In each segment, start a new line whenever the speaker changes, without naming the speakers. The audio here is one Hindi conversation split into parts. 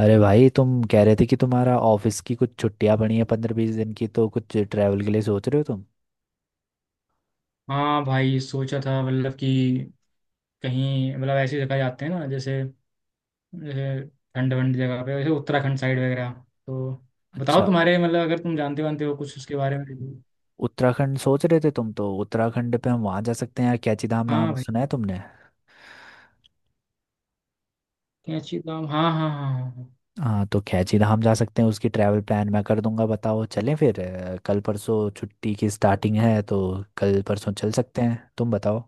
अरे भाई तुम कह रहे थे कि तुम्हारा ऑफिस की कुछ छुट्टियां पड़ी हैं 15-20 दिन की, तो कुछ ट्रैवल के लिए सोच रहे हो तुम।
हाँ भाई, सोचा था मतलब कि कहीं मतलब ऐसी जगह जाते हैं ना, जैसे जैसे ठंड ठंड जगह पे, जैसे उत्तराखंड साइड वगैरह। तो बताओ
अच्छा।
तुम्हारे मतलब, अगर तुम जानते वानते हो कुछ उसके बारे में।
उत्तराखंड सोच रहे थे तुम, तो उत्तराखंड पे हम वहाँ जा सकते हैं यार। कैची धाम
हाँ
नाम
भाई,
सुना है तुमने?
क्या अच्छी धाम, हाँ हाँ हाँ हाँ।
हाँ तो कैची धाम जा सकते हैं। उसकी ट्रैवल प्लान मैं कर दूंगा। बताओ चलें फिर। कल परसों छुट्टी की स्टार्टिंग है तो कल परसों चल सकते हैं। तुम बताओ।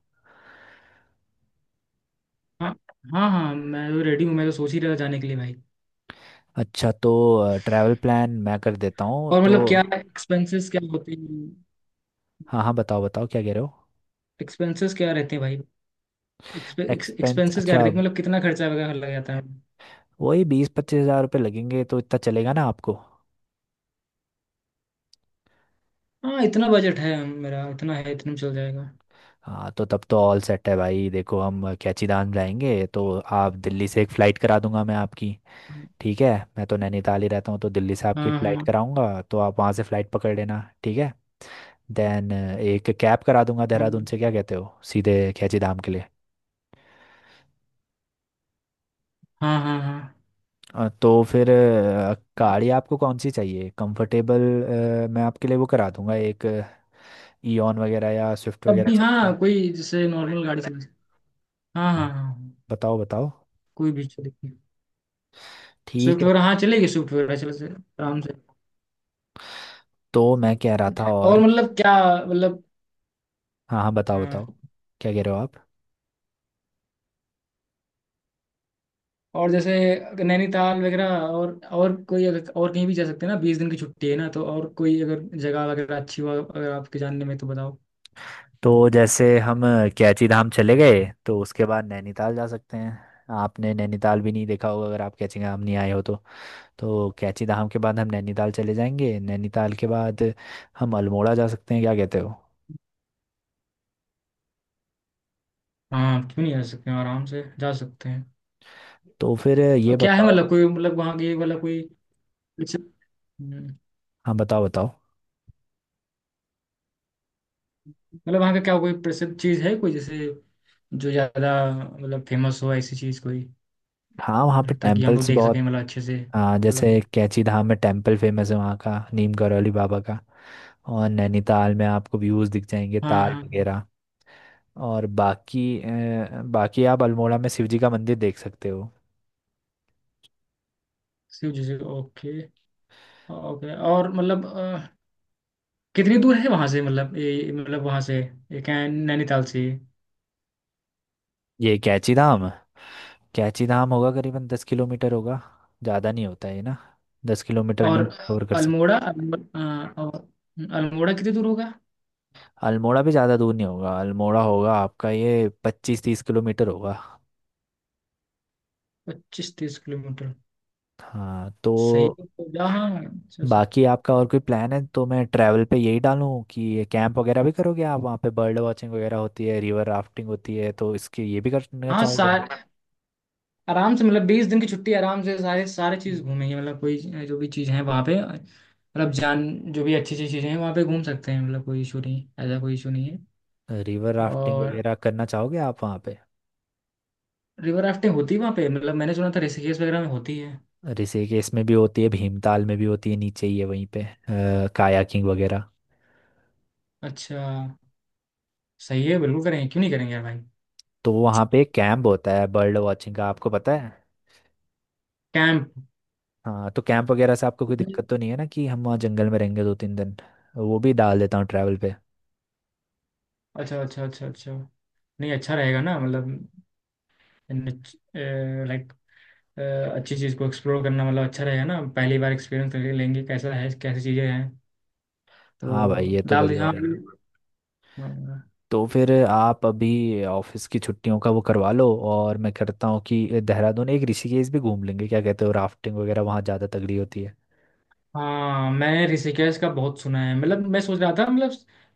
हाँ हाँ हाँ हाँ, मैं तो रेडी हूँ, मैं तो सोच ही रहा था जाने के लिए भाई।
अच्छा। तो ट्रैवल प्लान मैं कर देता हूँ
और
तो।
मतलब क्या एक्सपेंसेस क्या होते हैं?
हाँ हाँ बताओ बताओ, क्या कह रहे हो?
एक्सपेंसेस क्या रहते हैं भाई?
एक्सपेंस।
एक्सपेंसेस क्या
अच्छा।
रहते हैं, मतलब कितना खर्चा वगैरह लग जाता है?
वही 20-25 हजार रुपये लगेंगे, तो इतना चलेगा ना आपको?
हाँ, इतना बजट है मेरा, इतना है, इतने में चल जाएगा।
हाँ तो तब तो ऑल सेट है भाई। देखो हम कैचीदान जाएंगे तो आप दिल्ली से एक फ़्लाइट करा दूंगा मैं आपकी। ठीक है। मैं तो नैनीताल ही रहता हूँ, तो दिल्ली से आपकी एक
हाँ
फ़्लाइट
हाँ,
कराऊंगा, तो आप वहाँ से फ़्लाइट पकड़ लेना। ठीक है। देन एक कैब करा दूंगा देहरादून
हम्म,
से। क्या कहते हो, सीधे कैचीधाम के लिए?
हाँ हाँ हाँ।
तो फिर गाड़ी आपको कौन सी चाहिए, कंफर्टेबल? मैं आपके लिए वो करा दूंगा एक। ईऑन वगैरह या स्विफ्ट
तब
वगैरह
भी
चाहिए?
हाँ, कोई जैसे नॉर्मल गाड़ी चले। हाँ हाँ हाँ हाँ,
बताओ बताओ।
कोई भी चलेगी।
ठीक
स्विफ्ट
है।
वगैरह हाँ चलेगी, स्विफ्ट वगैरह चले से आराम से।
तो मैं कह रहा था और
और मतलब क्या? मतलब
हाँ हाँ बताओ
हाँ,
बताओ, क्या कह रहे हो आप?
और जैसे नैनीताल वगैरह और कोई अगर और कहीं भी जा सकते हैं ना, 20 दिन की छुट्टी है ना, तो और कोई अगर जगह वगैरह अच्छी हो अगर आपके जानने में तो बताओ।
तो जैसे हम कैची धाम चले गए तो उसके बाद नैनीताल जा सकते हैं। आपने नैनीताल भी नहीं देखा होगा, अगर आप कैची धाम नहीं आए हो तो। तो कैची धाम के बाद हम नैनीताल चले जाएंगे। नैनीताल के बाद हम अल्मोड़ा जा सकते हैं, क्या कहते हो?
हाँ क्यों नहीं जा सकते हैं, आराम से जा सकते हैं।
तो फिर ये
और क्या है
बताओ।
मतलब, कोई मतलब वहाँ की मतलब कोई प्रसिद्ध- हम्म,
हाँ बताओ बताओ।
मतलब वहाँ का क्या कोई प्रसिद्ध चीज़ है कोई, जैसे जो ज़्यादा मतलब फेमस हो, ऐसी चीज़ कोई।
हाँ वहाँ पे
मतलब ताकि हम लोग
टेम्पल्स
देख
बहुत।
सकें मतलब अच्छे से
हाँ
मतलब।
जैसे कैची धाम में टेम्पल फेमस है वहाँ का, नीम करौली बाबा का। और नैनीताल में आपको व्यूज़ दिख जाएंगे,
हाँ हाँ
ताल
हाँ।
वगैरह। और बाकी बाकी आप अल्मोड़ा में शिव जी का मंदिर देख सकते हो।
शिव जी से ओके, ओके और मतलब कितनी दूर है वहाँ से, मतलब ये मतलब वहाँ से, ये क्या है, नैनीताल से।
ये कैची धाम। कैची धाम होगा करीबन 10 किलोमीटर होगा। ज़्यादा नहीं होता है ना। 10 किलोमीटर
और
में कवर कर सकते।
अल्मोड़ा अल्मोड़ा, और अल्मोड़ा कितनी दूर होगा?
अल्मोड़ा भी ज़्यादा दूर नहीं होगा। अल्मोड़ा होगा आपका ये 25-30 किलोमीटर होगा।
25-30 किलोमीटर।
हाँ
सही
तो।
है, तो जहाँ अच्छा,
बाकी आपका और कोई प्लान है तो मैं ट्रैवल पे यही डालूं कि ये कैंप वगैरह भी करोगे आप वहाँ पे? बर्ड वॉचिंग वगैरह होती है, रिवर राफ्टिंग होती है, तो इसके ये भी करना
हाँ
चाहोगे?
सा- आराम से मतलब 20 दिन की छुट्टी, आराम से सारे सारे चीज़ घूमेंगे, मतलब कोई, जो भी चीज़ है वहाँ पे मतलब जान, जो भी अच्छी अच्छी चीज़ें हैं वहाँ पे घूम सकते हैं, मतलब कोई इशू नहीं, ऐसा कोई इशू नहीं है।
रिवर राफ्टिंग
और
वगैरह करना चाहोगे आप वहाँ पे?
रिवर राफ्टिंग होती है वहाँ पे? मतलब मैंने सुना था ऋषिकेश वगैरह में होती है।
ऋषिकेश केस में भी होती है, भीमताल में भी होती है, नीचे ही है वहीं पे। कायाकिंग वगैरह।
अच्छा। सही है, बिल्कुल करेंगे, क्यों नहीं करेंगे यार भाई।
तो वहाँ पे कैंप होता है बर्ड वॉचिंग का, आपको पता है?
कैंप?
हाँ तो कैंप वगैरह से आपको कोई दिक्कत तो नहीं है ना, कि हम वहाँ जंगल में रहेंगे 2-3 दिन? वो भी डाल देता हूँ ट्रैवल पे।
अच्छा अच्छा अच्छा अच्छा, नहीं अच्छा रहेगा ना, मतलब, लाइक, अच्छी चीज़ को एक्सप्लोर करना मतलब अच्छा रहेगा ना, पहली बार एक्सपीरियंस लेंगे कैसा है, कैसी चीज़ें हैं।
हाँ भाई
तो
ये तो
डाल दिया
बढ़िया
हाँ।
रहेगी।
हाँ
तो फिर आप अभी ऑफिस की छुट्टियों का वो करवा लो, और मैं करता हूँ कि देहरादून एक ऋषिकेश भी घूम लेंगे। क्या कहते हो, राफ्टिंग वगैरह वहाँ ज़्यादा तगड़ी होती है।
हाँ, मैंने ऋषिकेश का बहुत सुना है, मतलब मैं सोच रहा था मतलब,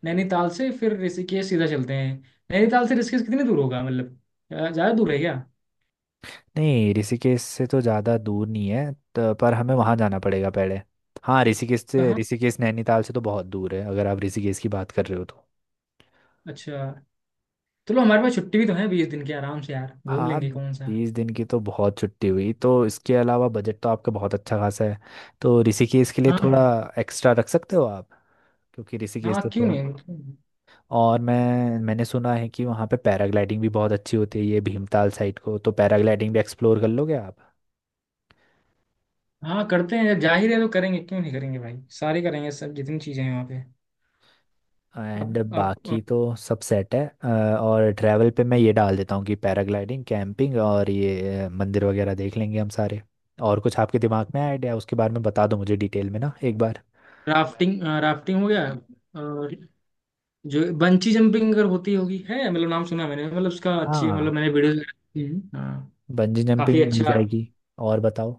नैनीताल से फिर ऋषिकेश सीधा चलते हैं। नैनीताल से ऋषिकेश कितनी दूर होगा मतलब, ज़्यादा दूर है क्या?
नहीं ऋषिकेश से तो ज़्यादा दूर नहीं है तो, पर हमें वहाँ जाना पड़ेगा पहले। हाँ ऋषिकेश से,
कहाँ?
ऋषिकेश नैनीताल से तो बहुत दूर है, अगर आप ऋषिकेश की बात कर रहे हो तो।
अच्छा। चलो, हमारे पास छुट्टी भी तो है 20 दिन की, आराम से यार घूम
हाँ
लेंगे, कौन सा।
20 दिन की तो बहुत छुट्टी हुई, तो इसके अलावा बजट तो आपका बहुत अच्छा खासा है। तो ऋषिकेश के लिए
हाँ
थोड़ा
हाँ
एक्स्ट्रा रख सकते हो आप, क्योंकि ऋषिकेश
हाँ,
तो
क्यों
थोड़ा।
नहीं क्यों नहीं?
और मैंने सुना है कि वहाँ पे पैराग्लाइडिंग भी बहुत अच्छी होती है ये भीमताल साइड को, तो पैराग्लाइडिंग भी एक्सप्लोर कर लोगे आप।
हाँ करते हैं, जाहिर है तो करेंगे, क्यों नहीं करेंगे भाई, सारे करेंगे सब, जितनी चीज़ें हैं वहाँ पे। अब
एंड
आप,
बाकी तो सब सेट है। और ट्रैवल पे मैं ये डाल देता हूँ कि पैराग्लाइडिंग, कैंपिंग और ये मंदिर वगैरह देख लेंगे हम सारे। और कुछ आपके दिमाग में आइडिया उसके बारे में बता दो मुझे, डिटेल में ना एक बार।
राफ्टिंग राफ्टिंग हो गया और, जो बंची जंपिंग अगर होती होगी है, मतलब नाम सुना मैंने, मतलब उसका अच्छी, मतलब
हाँ।
मैंने वीडियोस वगैरह देखी हैं। हाँ।
बंजी
काफी
जंपिंग मिल
अच्छा है।
जाएगी। और बताओ।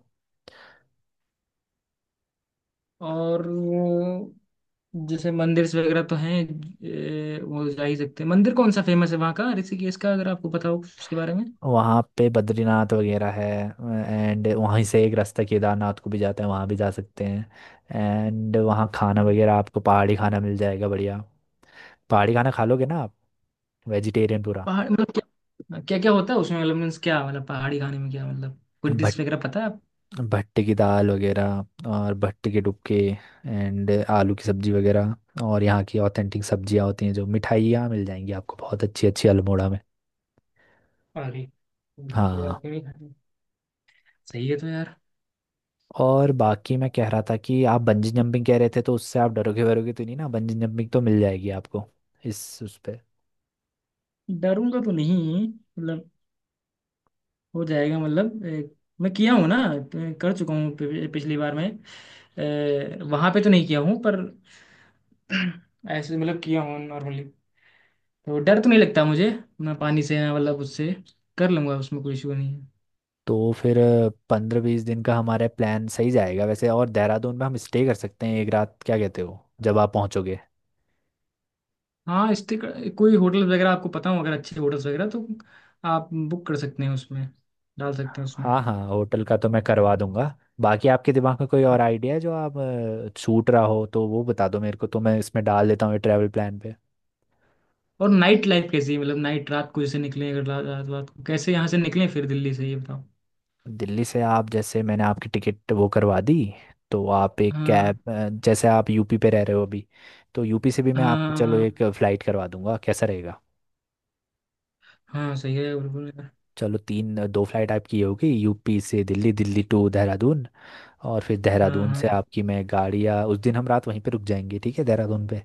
और वो जैसे मंदिर वगैरह तो हैं, वो जा ही सकते हैं मंदिर, कौन सा फेमस है वहाँ का ऋषिकेश का, अगर आपको पता हो उसके बारे में।
वहाँ पे बद्रीनाथ वगैरह है। एंड वहीं से एक रास्ता केदारनाथ को भी जाता है, वहाँ भी जा सकते हैं। एंड वहाँ खाना वगैरह आपको पहाड़ी खाना मिल जाएगा बढ़िया। पहाड़ी खाना खा लोगे ना आप? वेजिटेरियन पूरा।
पहाड़ मतलब क्या क्या क्या होता है उसमें, मतलब मीन्स क्या, मतलब पहाड़ी खाने में क्या, मतलब कोई डिश
बट
वगैरह पता है आप?
भट्टे की दाल वगैरह और भट्टे के डुबके, एंड आलू की सब्जी वगैरह। और यहाँ की ऑथेंटिक सब्जियाँ होती हैं, जो मिठाइयाँ मिल जाएंगी आपको बहुत अच्छी अच्छी अल्मोड़ा में।
अरे यार,
हाँ।
क्यों नहीं खाते? सही है तो यार।
और बाकी मैं कह रहा था कि आप बंजी जंपिंग कह रहे थे तो उससे आप डरोगे वरोगे तो नहीं ना? बंजी जंपिंग तो मिल जाएगी आपको इस उस पे।
डरूंगा तो नहीं मतलब, हो जाएगा मतलब, मैं किया हूँ ना। कर चुका हूँ, पिछली बार मैं, वहां पे तो नहीं किया हूँ पर ऐसे मतलब किया हूँ नॉर्मली, तो डर तो नहीं लगता मुझे, ना पानी से ना मतलब उससे, कर लूंगा, उसमें कोई इशू नहीं है।
तो फिर 15-20 दिन का हमारा प्लान सही जाएगा वैसे। और देहरादून में हम स्टे कर सकते हैं एक रात, क्या कहते हो, जब आप पहुँचोगे।
हाँ स्टे, कोई होटल वगैरह आपको पता हो अगर, अच्छे होटल्स वगैरह तो आप बुक कर सकते हैं उसमें, डाल सकते हैं उसमें।
हाँ हाँ होटल का तो मैं करवा दूंगा। बाकी आपके दिमाग में कोई और आइडिया है जो आप छूट रहा हो तो वो बता दो मेरे को, तो मैं इसमें डाल देता हूँ ये ट्रैवल प्लान पे।
और नाइट लाइफ कैसी है, मतलब नाइट रात को जैसे निकलें, अगर रात रात को कैसे यहाँ से निकलें फिर, दिल्ली से ये बताओ।
दिल्ली से आप, जैसे मैंने आपकी टिकट वो करवा दी, तो आप एक
हाँ
कैब, जैसे आप यूपी पे रह रहे हो अभी, तो यूपी से भी मैं आपकी
हाँ
चलो एक
हाँ
फ्लाइट करवा दूंगा, कैसा रहेगा?
हाँ, सही है बिल्कुल।
चलो तीन दो फ्लाइट आपकी ये होगी, यूपी से दिल्ली, दिल्ली टू देहरादून। और फिर
हाँ
देहरादून
हाँ
से आपकी मैं गाड़ी, या उस दिन हम रात वहीं पे रुक जाएंगे, ठीक है, देहरादून पे।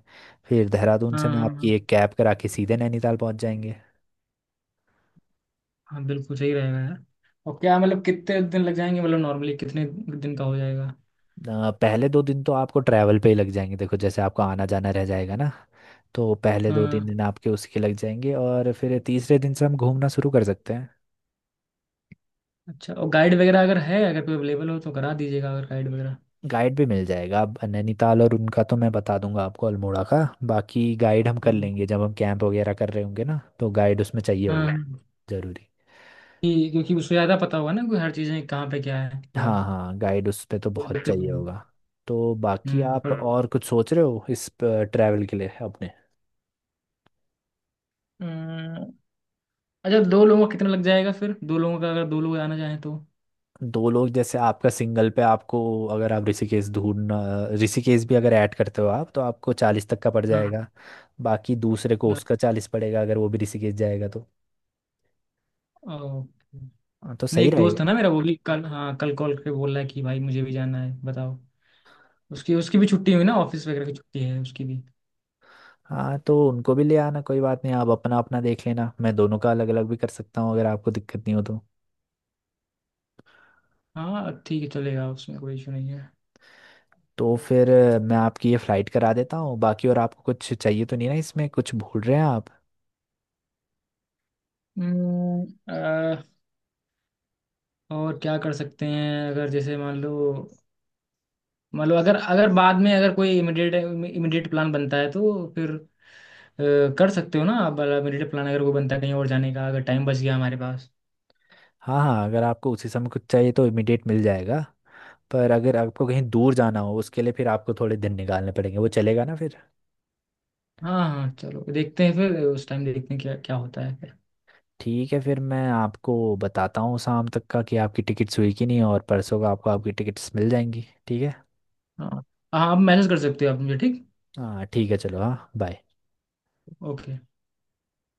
फिर देहरादून से
हाँ
मैं
हाँ
आपकी
हाँ,
एक कैब करा के सीधे नैनीताल पहुंच जाएंगे।
हाँ, बिल्कुल सही रहेगा यार। और क्या, मतलब कितने दिन लग जाएंगे, मतलब नॉर्मली कितने दिन का हो जाएगा?
पहले 2 दिन तो आपको ट्रैवल पे ही लग जाएंगे। देखो जैसे आपको आना जाना रह जाएगा ना, तो पहले दो तीन
हाँ,
दिन आपके उसके लग जाएंगे, और फिर तीसरे दिन से हम घूमना शुरू कर सकते हैं।
अच्छा और गाइड वगैरह अगर है, अगर कोई अवेलेबल हो तो करा दीजिएगा, अगर गाइड वगैरह।
गाइड भी मिल जाएगा अब नैनीताल, और उनका तो मैं बता दूंगा आपको अल्मोड़ा का। बाकी गाइड हम कर
हम्म,
लेंगे, जब हम कैंप वगैरह कर रहे होंगे ना, तो गाइड उसमें चाहिए होगा,
हाँ,
जरूरी।
क्योंकि उसको ज़्यादा पता होगा ना, कोई हर चीज़ें कहाँ पे क्या है थोड़ा।
हाँ हाँ गाइड उस पे तो
कोई
बहुत
दिक्कत
चाहिए
नहीं होगी।
होगा। तो बाकी
हम्म।
आप और कुछ सोच रहे हो इस ट्रैवल के लिए अपने?
हम्म, अच्छा, दो लोगों का कितना लग जाएगा फिर, दो लोगों का अगर दो लोग आना चाहें तो?
दो लोग जैसे आपका सिंगल पे आपको, अगर आप ऋषिकेश ढूंढना, ऋषिकेश भी अगर ऐड करते हो आप, तो आपको 40 तक का पड़
हाँ।
जाएगा। बाकी दूसरे को उसका 40 पड़ेगा, अगर वो भी ऋषिकेश जाएगा तो।
ओके।
हाँ, तो
नहीं,
सही
एक दोस्त
रहेगा।
है ना मेरा, वो भी कल, हाँ, कल कॉल करके बोल रहा है कि भाई मुझे भी जाना है, बताओ। उसकी उसकी भी छुट्टी हुई ना, ऑफिस वगैरह की छुट्टी है उसकी भी।
हाँ तो उनको भी ले आना, कोई बात नहीं। आप अपना अपना देख लेना। मैं दोनों का अलग अलग भी कर सकता हूँ, अगर आपको दिक्कत नहीं हो तो।
हाँ ठीक है, चलेगा, उसमें कोई इशू नहीं है।
तो फिर मैं आपकी ये फ्लाइट करा देता हूँ। बाकी और आपको कुछ चाहिए तो नहीं ना, इसमें कुछ भूल रहे हैं आप?
हम्म, अ, और क्या कर सकते हैं अगर, जैसे मान लो, मान लो अगर अगर बाद में अगर कोई इमिडिएट इमिडिएट प्लान बनता है तो फिर, कर सकते हो ना आप इमिडिएट प्लान, अगर कोई बनता है कहीं और जाने का, अगर टाइम बच गया हमारे पास।
हाँ हाँ अगर आपको उसी समय कुछ चाहिए तो इमिडिएट मिल जाएगा। पर अगर आपको कहीं दूर जाना हो, उसके लिए फिर आपको थोड़े दिन निकालने पड़ेंगे, वो चलेगा ना फिर?
हाँ हाँ चलो, देखते हैं फिर उस टाइम, देखते हैं क्या क्या होता है फिर।
ठीक है फिर मैं आपको बताता हूँ शाम तक का कि आपकी टिकट्स हुई कि नहीं, और परसों का आपको आपकी टिकट्स मिल जाएंगी। ठीक है।
हाँ, हाँ आप मैसेज कर सकते हो आप मुझे, ठीक।
हाँ ठीक है चलो। हाँ बाय।
ओके।